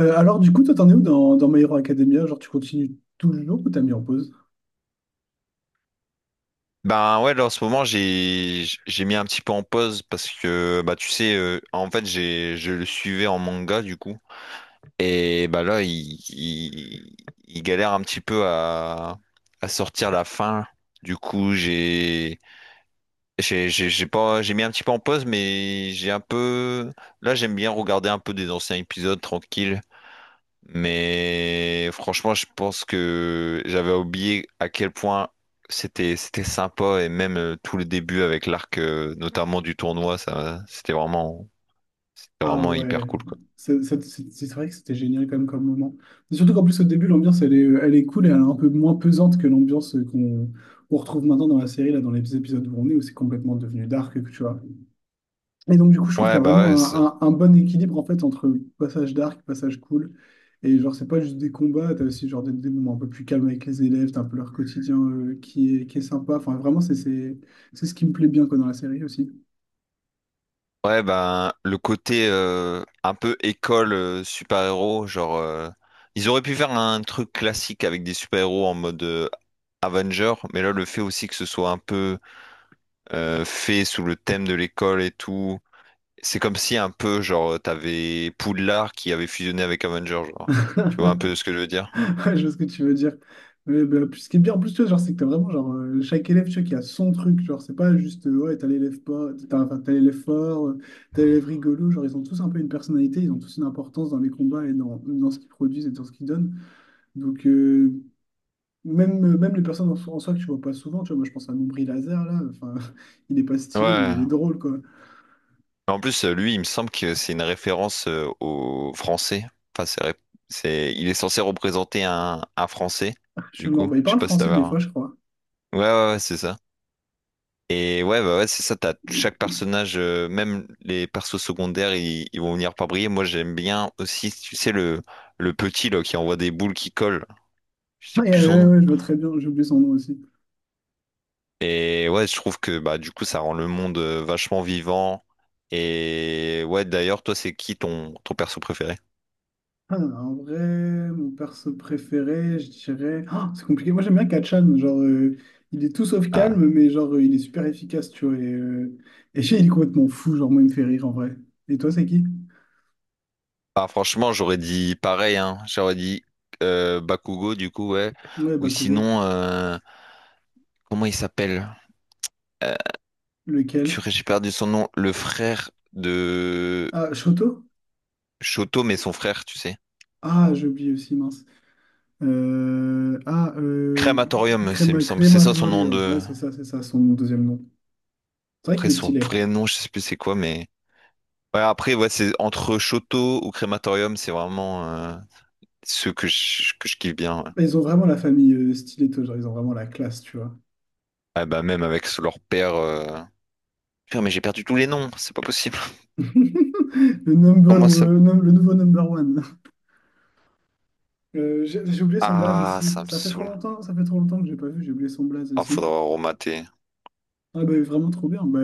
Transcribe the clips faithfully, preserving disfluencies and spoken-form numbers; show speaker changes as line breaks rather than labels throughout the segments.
Euh, alors, du coup, toi, t'en es où dans, dans My Hero Academia? Genre, tu continues toujours ou t'as mis en pause?
Ben ouais, là en ce moment j'ai j'ai mis un petit peu en pause parce que bah tu sais euh, en fait j'ai je le suivais en manga du coup. Et bah là il, il il galère un petit peu à à sortir la fin du coup j'ai j'ai j'ai j'ai pas j'ai mis un petit peu en pause, mais j'ai un peu là j'aime bien regarder un peu des anciens épisodes tranquille. Mais franchement, je pense que j'avais oublié à quel point c'était c'était sympa, et même euh, tout le début avec l'arc euh, notamment du tournoi, ça c'était vraiment c'était
Ah
vraiment hyper
ouais,
cool quoi.
c'est c'est- c'est- c'est vrai que c'était génial quand même comme moment. Mais surtout qu'en plus, au début, l'ambiance, elle est, elle est cool et elle est un peu moins pesante que l'ambiance qu'on qu'on retrouve maintenant dans la série, là, dans les épisodes où on est, où c'est complètement devenu dark, tu vois. Et donc, du coup, je trouve qu'il y
Ouais
a
bah ouais
vraiment
c'est
un,
ça.
un- un bon équilibre en fait entre passage dark, passage cool. Et genre, c'est pas juste des combats, t'as aussi genre des, des moments un peu plus calmes avec les élèves, t'as un peu leur quotidien euh, qui est, qui est sympa. Enfin, vraiment, c'est c'est- c'est ce qui me plaît bien quoi, dans la série aussi.
Ouais, bah le côté euh, un peu école euh, super-héros, genre euh, ils auraient pu faire un truc classique avec des super-héros en mode euh, Avenger, mais là le fait aussi que ce soit un peu euh, fait sous le thème de l'école et tout. C'est comme si un peu, genre, t'avais Poudlard qui avait fusionné avec Avenger, genre. Tu vois un peu ce que je veux dire?
Ouais, je vois ce que tu veux dire. Mais, bah, puis ce qui est bien en plus, tu vois, genre, c'est que t'as vraiment genre, euh, chaque élève tu vois, qui a son truc. Genre, c'est pas juste euh, ouais, t'as l'élève pas, t'as enfin, t'as l'élève fort, euh, t'as l'élève rigolo. Genre, ils ont tous un peu une personnalité, ils ont tous une importance dans les combats et dans, dans ce qu'ils produisent et dans ce qu'ils donnent. Donc, euh, même, euh, même les personnes en, so- en soi que tu vois pas souvent, tu vois, moi je pense à Nombri Lazare là, enfin, il est pas stylé, mais il
Ouais.
est drôle quoi.
Mais en plus, euh, lui, il me semble que c'est une référence euh, au français. Enfin, c'est, ré- c'est- il est censé représenter un, un français,
Je suis
du
mort.
coup.
Bah, il
Je
parle
sais pas si
français
t'avais
des fois,
un...
je crois.
Ouais, ouais, ouais, c'est ça. Et ouais, bah ouais, c'est ça, t'as chaque personnage, euh, même les persos secondaires, ils, ils vont venir par briller. Moi, j'aime bien aussi, tu sais, le, le petit, là, qui envoie des boules qui collent. Je sais
Ah, et,
plus son
euh,
nom.
ouais, ouais, je vois très bien, j'ai oublié son nom aussi.
Et ouais, je trouve que bah du coup ça rend le monde euh, vachement vivant. Et ouais, d'ailleurs, toi, c'est qui ton, ton perso préféré?
Ah, en vrai, mon perso préféré, je dirais. Ah, c'est compliqué. Moi, j'aime bien Kachan. Genre, euh, il est tout sauf
Ah.
calme, mais genre, euh, il est super efficace, tu vois. Et, euh, et Shay, il est complètement fou. Genre, moi, il me fait rire en vrai. Et toi, c'est qui?
Ah, franchement, j'aurais dit pareil, hein. J'aurais dit euh, Bakugo, du coup, ouais.
Ouais,
Ou
Bakugo.
sinon, euh, comment il s'appelle? Euh,
Lequel?
purée, j'ai perdu son nom. Le frère de
Ah, Shoto?
Shoto, mais son frère, tu sais.
Ah, j'ai oublié aussi, mince. Euh, ah, euh,
Crématorium, c'est, il me
Crema-
semble. C'est ça son nom
Crematorium.
de.
Ouais, c'est ça, c'est ça, son deuxième nom. C'est vrai qu'il
Après,
est
son
stylé.
vrai nom, je sais plus c'est quoi, mais. Ouais, après, ouais, c'est entre Shoto ou Crématorium, c'est vraiment. euh, Ceux que je, que je kiffe bien. Ouais.
Ils ont vraiment la famille euh, Stiletto, genre, ils ont vraiment la classe, tu vois.
Ah bah même avec leur père. euh, Putain, mais j'ai perdu tous les noms, c'est pas possible.
Le number,
Comment ça...
euh, num- le nouveau number one. Euh, j'ai j'ai oublié son blaze
Ah,
aussi.
ça me
Ça fait trop
saoule.
longtemps, ça fait trop longtemps que j'ai pas vu, j'ai oublié son blaze
Ah,
aussi.
faudra remater.
Ah bah vraiment trop bien. Bah,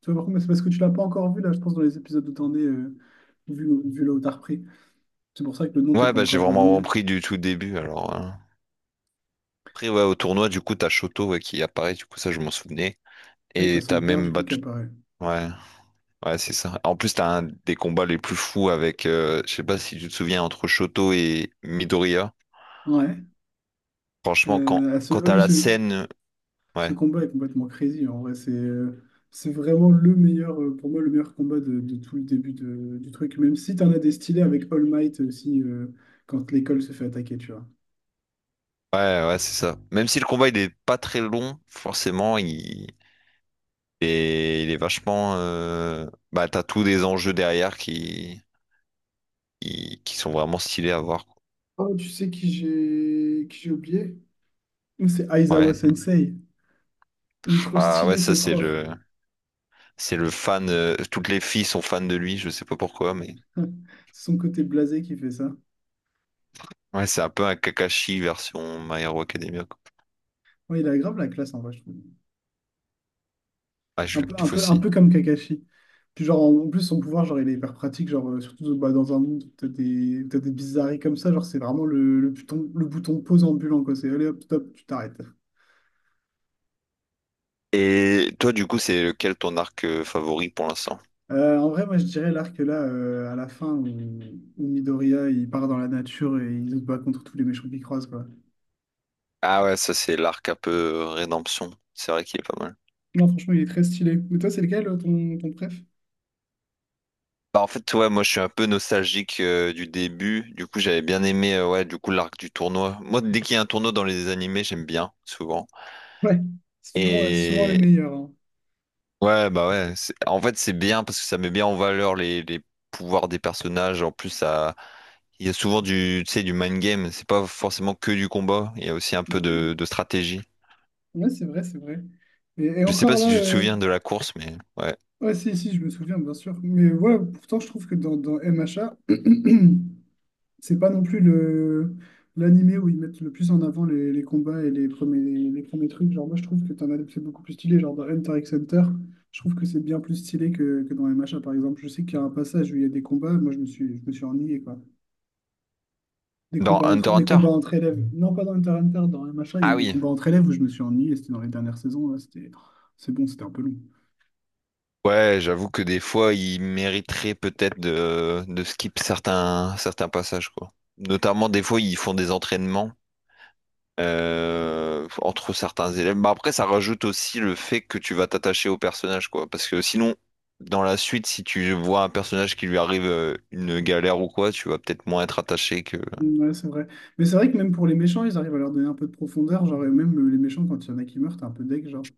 tu vois, par contre, mais c'est parce que tu l'as pas encore vu là, je pense, dans les épisodes où t'en es, euh, vu, vu là où t'as repris. C'est pour ça que le nom t'es
Ouais,
pas
bah j'ai
encore
vraiment
revenu.
repris du tout début alors. Hein. Après, ouais, au tournoi, du coup, t'as Shoto ouais, qui apparaît, du coup, ça, je m'en souvenais.
Et t'as
Et t'as
son père
même
du coup qui
battu.
apparaît.
Ouais, ouais, c'est ça. En plus, t'as un des combats les plus fous avec, euh, je sais pas si tu te souviens, entre Shoto et Midoriya.
Ouais.
Franchement, quand,
Euh, à ce... ah
quand t'as
oui,
la
ce...
scène,
Ce
ouais,
combat est complètement crazy. En vrai, c'est euh, c'est vraiment le meilleur, euh, pour moi, le meilleur combat de, de tout le début de- du truc. Même si tu en as des stylés avec All Might aussi, euh, quand l'école se fait attaquer, tu vois.
ouais, ouais, c'est ça. Même si le combat il est pas très long, forcément, il, et il est vachement. euh, Bah, t'as tous des enjeux derrière qui... qui qui sont vraiment stylés à voir. Quoi.
Oh, tu sais qui j'ai qui j'ai oublié? C'est Aizawa
Ouais.
Sensei. Il est trop
Ah ouais,
stylé, ce
ça c'est
prof.
le c'est le fan. euh, Toutes les filles sont fans de lui. Je sais pas pourquoi, mais
C'est son côté blasé qui fait ça.
ouais, c'est un peu un Kakashi version My Hero Academia. Quoi.
Ouais, il a grave la classe, en vrai, je trouve.
Ah, je
Un
veux
peu,
que tu
un peu, un
aussi.
peu comme Kakashi. Puis genre, en en plus, son pouvoir, genre, il est hyper pratique, genre, euh, surtout bah, dans un monde où t'as des, où t'as des bizarreries comme ça, genre, c'est vraiment le, le bouton, le bouton pause ambulant, quoi. C'est allez, hop, stop, tu t'arrêtes.
Et toi, du coup, c'est lequel ton arc euh, favori pour l'instant?
Euh, en vrai, moi, je dirais l'arc là, euh, à la fin, où, où Midoriya, il part dans la nature et il se bat contre tous les méchants qu'il croise, quoi.
Ah ouais, ça c'est l'arc un peu euh, rédemption. C'est vrai qu'il est pas mal.
Non, franchement, il est très stylé. Mais toi, c'est lequel, euh, ton, ton préf?
Bah en fait ouais moi je suis un peu nostalgique euh, du début du coup j'avais bien aimé euh, ouais du coup l'arc du tournoi, moi dès qu'il y a un tournoi dans les animés j'aime bien souvent.
Ouais, c'est toujours, c'est souvent les
Et
meilleurs, hein.
ouais bah ouais c'est- en fait c'est bien parce que ça met bien en valeur les, les pouvoirs des personnages. En plus ça il y a souvent du tu sais du mind game, c'est pas forcément que du combat, il y a aussi un peu de, de stratégie.
Ouais, c'est vrai, c'est vrai. Et, et
Je sais pas
encore
si
là,
tu te
euh,
souviens de la course mais ouais
Ouais, si, si, je me souviens, bien sûr. Mais ouais, pourtant, je trouve que dans, dans M H A, c'est pas non plus le l'animé où ils mettent le plus en avant les, les combats et les premiers, les premiers trucs. Genre, moi, je trouve que t'en as des- c'est beaucoup plus stylé. Genre, dans Hunter x Hunter, je trouve que c'est bien plus stylé que, que dans M H A, par exemple. Je sais qu'il y a un passage où il y a des combats, moi, je me suis, je me suis ennuyé, quoi. Des
dans
combats entre,
Hunter x
des
Hunter
combats entre élèves. Non, pas dans Hunter x Hunter, dans M H A, il y a
ah
eu des
oui.
combats entre élèves où je me suis ennuyé. C'était dans les dernières saisons, là. C'était, c'est bon, c'était un peu long.
Ouais, j'avoue que des fois, il mériterait peut-être de, de skip certains, certains passages, quoi. Notamment, des fois, ils font des entraînements euh, entre certains élèves. Bah, après, ça rajoute aussi le fait que tu vas t'attacher au personnage, quoi. Parce que sinon, dans la suite, si tu vois un personnage qui lui arrive euh, une galère ou quoi, tu vas peut-être moins être attaché que...
Ouais, c'est vrai. Mais c'est vrai que même pour les méchants, ils arrivent à leur donner un peu de profondeur. Genre, et même euh, les méchants, quand il y en a qui meurent, t'es un peu deg, genre.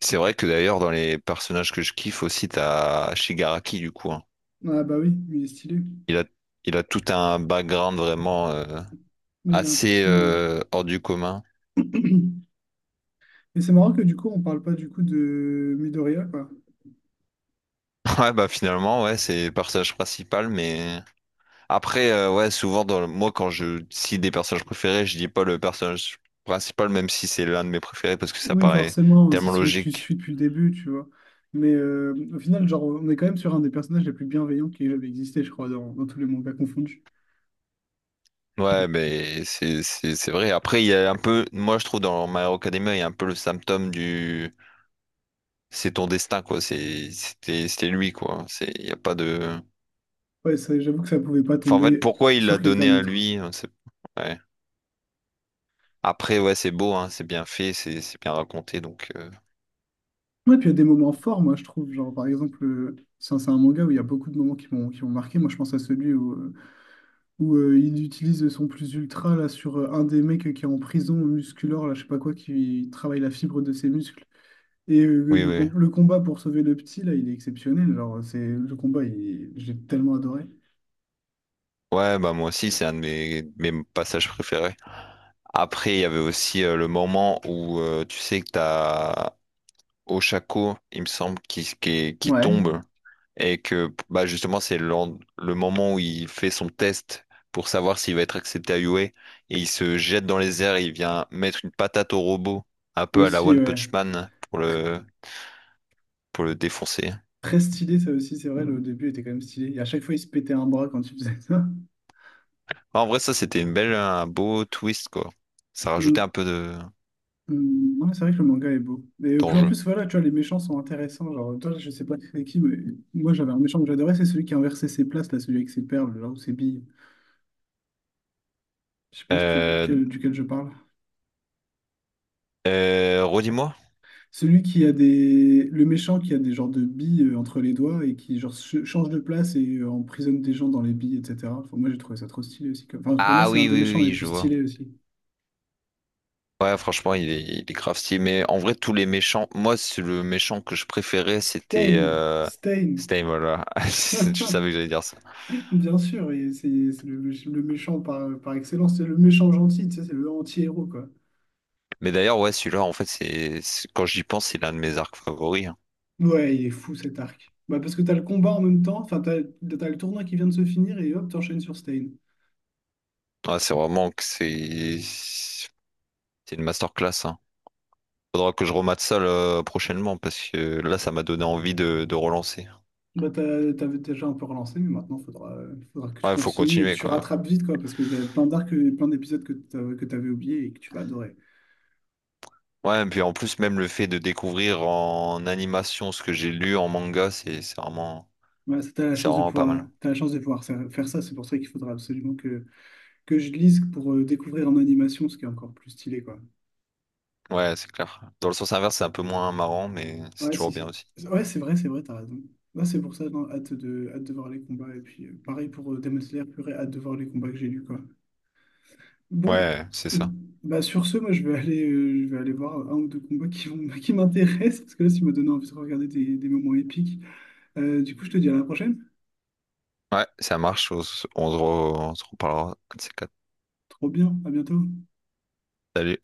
C'est vrai que d'ailleurs, dans les personnages que je kiffe aussi, t'as Shigaraki, du coup. Hein.
Ah bah oui, il est stylé.
Il a, il a tout un background vraiment... euh,
Mais il est
assez
impressionnant.
euh, hors du commun.
Et c'est marrant que du coup, on parle pas du coup de Midoriya, quoi.
Ouais, bah finalement, ouais, c'est le personnage principal, mais après, euh, ouais, souvent, dans le- moi, quand je cite des personnages préférés, je dis pas le personnage principal, même si c'est l'un de mes préférés, parce que ça
Oui,
paraît
forcément, hein, c'est
tellement
celui que tu
logique.
suis depuis le début, tu vois. Mais euh, au final, genre, on est quand même sur un des personnages les plus bienveillants qui ait jamais existé, je crois, dans, dans tous les mangas confondus.
Ouais, mais c'est c'est c'est vrai. Après, il y a un peu, moi, je trouve, dans My Hero Academia, il y a un peu le symptôme du c'est ton destin, quoi. C'est c'était c'était lui, quoi. C'est il y a pas de.
Ouais, ça, j'avoue que ça pouvait pas
Enfin, en fait,
tomber
pourquoi il l'a
sur quelqu'un
donné à
d'autre.
lui? c'est- Ouais. Après, ouais, c'est beau, hein, c'est bien fait, c'est c'est bien raconté, donc euh,
Ouais, puis il y a des moments forts, moi, je trouve. Genre, par exemple, euh, c'est un c'est un manga où il y a beaucoup de moments qui m'ont qui m'ont marqué. Moi, je pense à celui où, euh, où euh, il utilise son plus ultra là, sur euh, un des mecs qui est en prison musculaire, là, je sais pas quoi, qui travaille la fibre de ses muscles. Et euh,
oui,
le,
oui.
com- le combat pour sauver le petit, là, il est exceptionnel. Genre, c'est le combat, il- j'ai tellement adoré.
Ouais, bah moi aussi, c'est un de mes, mes passages préférés. Après, il y avait aussi euh, le moment où euh, tu sais que t'as Oshako, il me semble, qui, qui, est- qui
Ouais,
tombe, et que bah justement c'est le, le moment où il fait son test pour savoir s'il va être accepté à U A, et il se jette dans les airs et il vient mettre une patate au robot, un peu à la
aussi,
One
ouais.
Punch Man pour le pour le défoncer.
Très stylé, ça aussi, c'est vrai, le début était quand même stylé. Et à chaque fois, il se pétait un bras quand il faisait ça.
Bah, en vrai, ça, c'était une belle, un beau twist, quoi. Ça rajoutait un peu de
Hum, ouais, c'est vrai que le manga est beau. Et puis en
d'enjeu.
plus, voilà, tu vois, les méchants sont intéressants. Genre, toi, je sais pas c'est qui, mais moi, j'avais un méchant que j'adorais, c'est celui qui a inversé ses places, là, celui avec ses perles, là, ou ses billes. Je sais pas si tu vois
Euh,
lequel, duquel je parle.
euh, redis-moi.
Celui qui a des... Le méchant qui a des genres de billes euh, entre les doigts et qui, genre, ch- change de place et euh, emprisonne des gens dans les billes, et cetera. Enfin, moi, j'ai trouvé ça trop stylé aussi. comme- Enfin, pour moi,
Ah
c'est un
oui,
des
oui, oui,
méchants les
oui,
plus
je vois.
stylés aussi.
Ouais, franchement, il est, il est grave stylé. Mais en vrai, tous les méchants, moi, c'est le méchant que je préférais, c'était
Stain!
euh...
Stain!
c'était Imola. Je savais que j'allais dire ça.
Bien sûr, et c'est c'est le, méch- le méchant par, par excellence, c'est le méchant gentil, tu sais, c'est le anti-héros, quoi.
Mais d'ailleurs, ouais, celui-là, en fait, c'est c'est- quand j'y pense, c'est l'un de mes arcs favoris. Hein.
Ouais, il est fou cet arc. Bah, parce que t'as le combat en même temps, enfin, t'as, t'as le tournoi qui vient de se finir et hop, t'enchaînes sur Stain.
Ouais, c'est vraiment que c'est c'est une masterclass. Hein. Faudra que je remate ça là, prochainement parce que là, ça m'a donné envie de de relancer.
Bah, t'as- t'avais déjà un peu relancé, mais maintenant, faudra, faudra que tu
Ouais, faut
continues et que
continuer,
tu
quoi.
rattrapes vite, quoi, parce qu'il y a plein d'arcs, et plein d'épisodes que t'avais, que t'avais oubliés et que tu vas adorer.
Ouais, et puis en plus, même le fait de découvrir en animation ce que j'ai lu en manga, c'est c'est vraiment,
Voilà, ça, t'as la
c'est
chance de
vraiment pas
pouvoir,
mal.
t'as la chance de pouvoir faire faire ça, c'est pour ça qu'il faudra absolument que, que je lise pour euh, découvrir en animation ce qui est encore plus stylé, quoi.
Ouais, c'est clair. Dans le sens inverse, c'est un peu moins marrant, mais c'est
Ouais,
toujours
c'est
bien
c'est-
aussi.
ouais, c'est vrai, c'est vrai, t'as raison. Là, c'est pour ça, non, hâte de, hâte de voir les combats. Et puis, euh, pareil pour euh, Demon Slayer, purée, hâte de voir les combats que j'ai lus, quoi. Bon,
Ouais, c'est ça.
bah sur ce, moi, je vais aller, euh, je vais aller voir un ou deux combats qui vont, qui m'intéressent, parce que là, ça me donne envie de regarder des, des moments épiques. Euh, du coup, je te dis à la prochaine.
Ouais, ça marche. On, se on se re- on se reparlera. Un de ces quatre.
Trop bien, à bientôt.
Salut.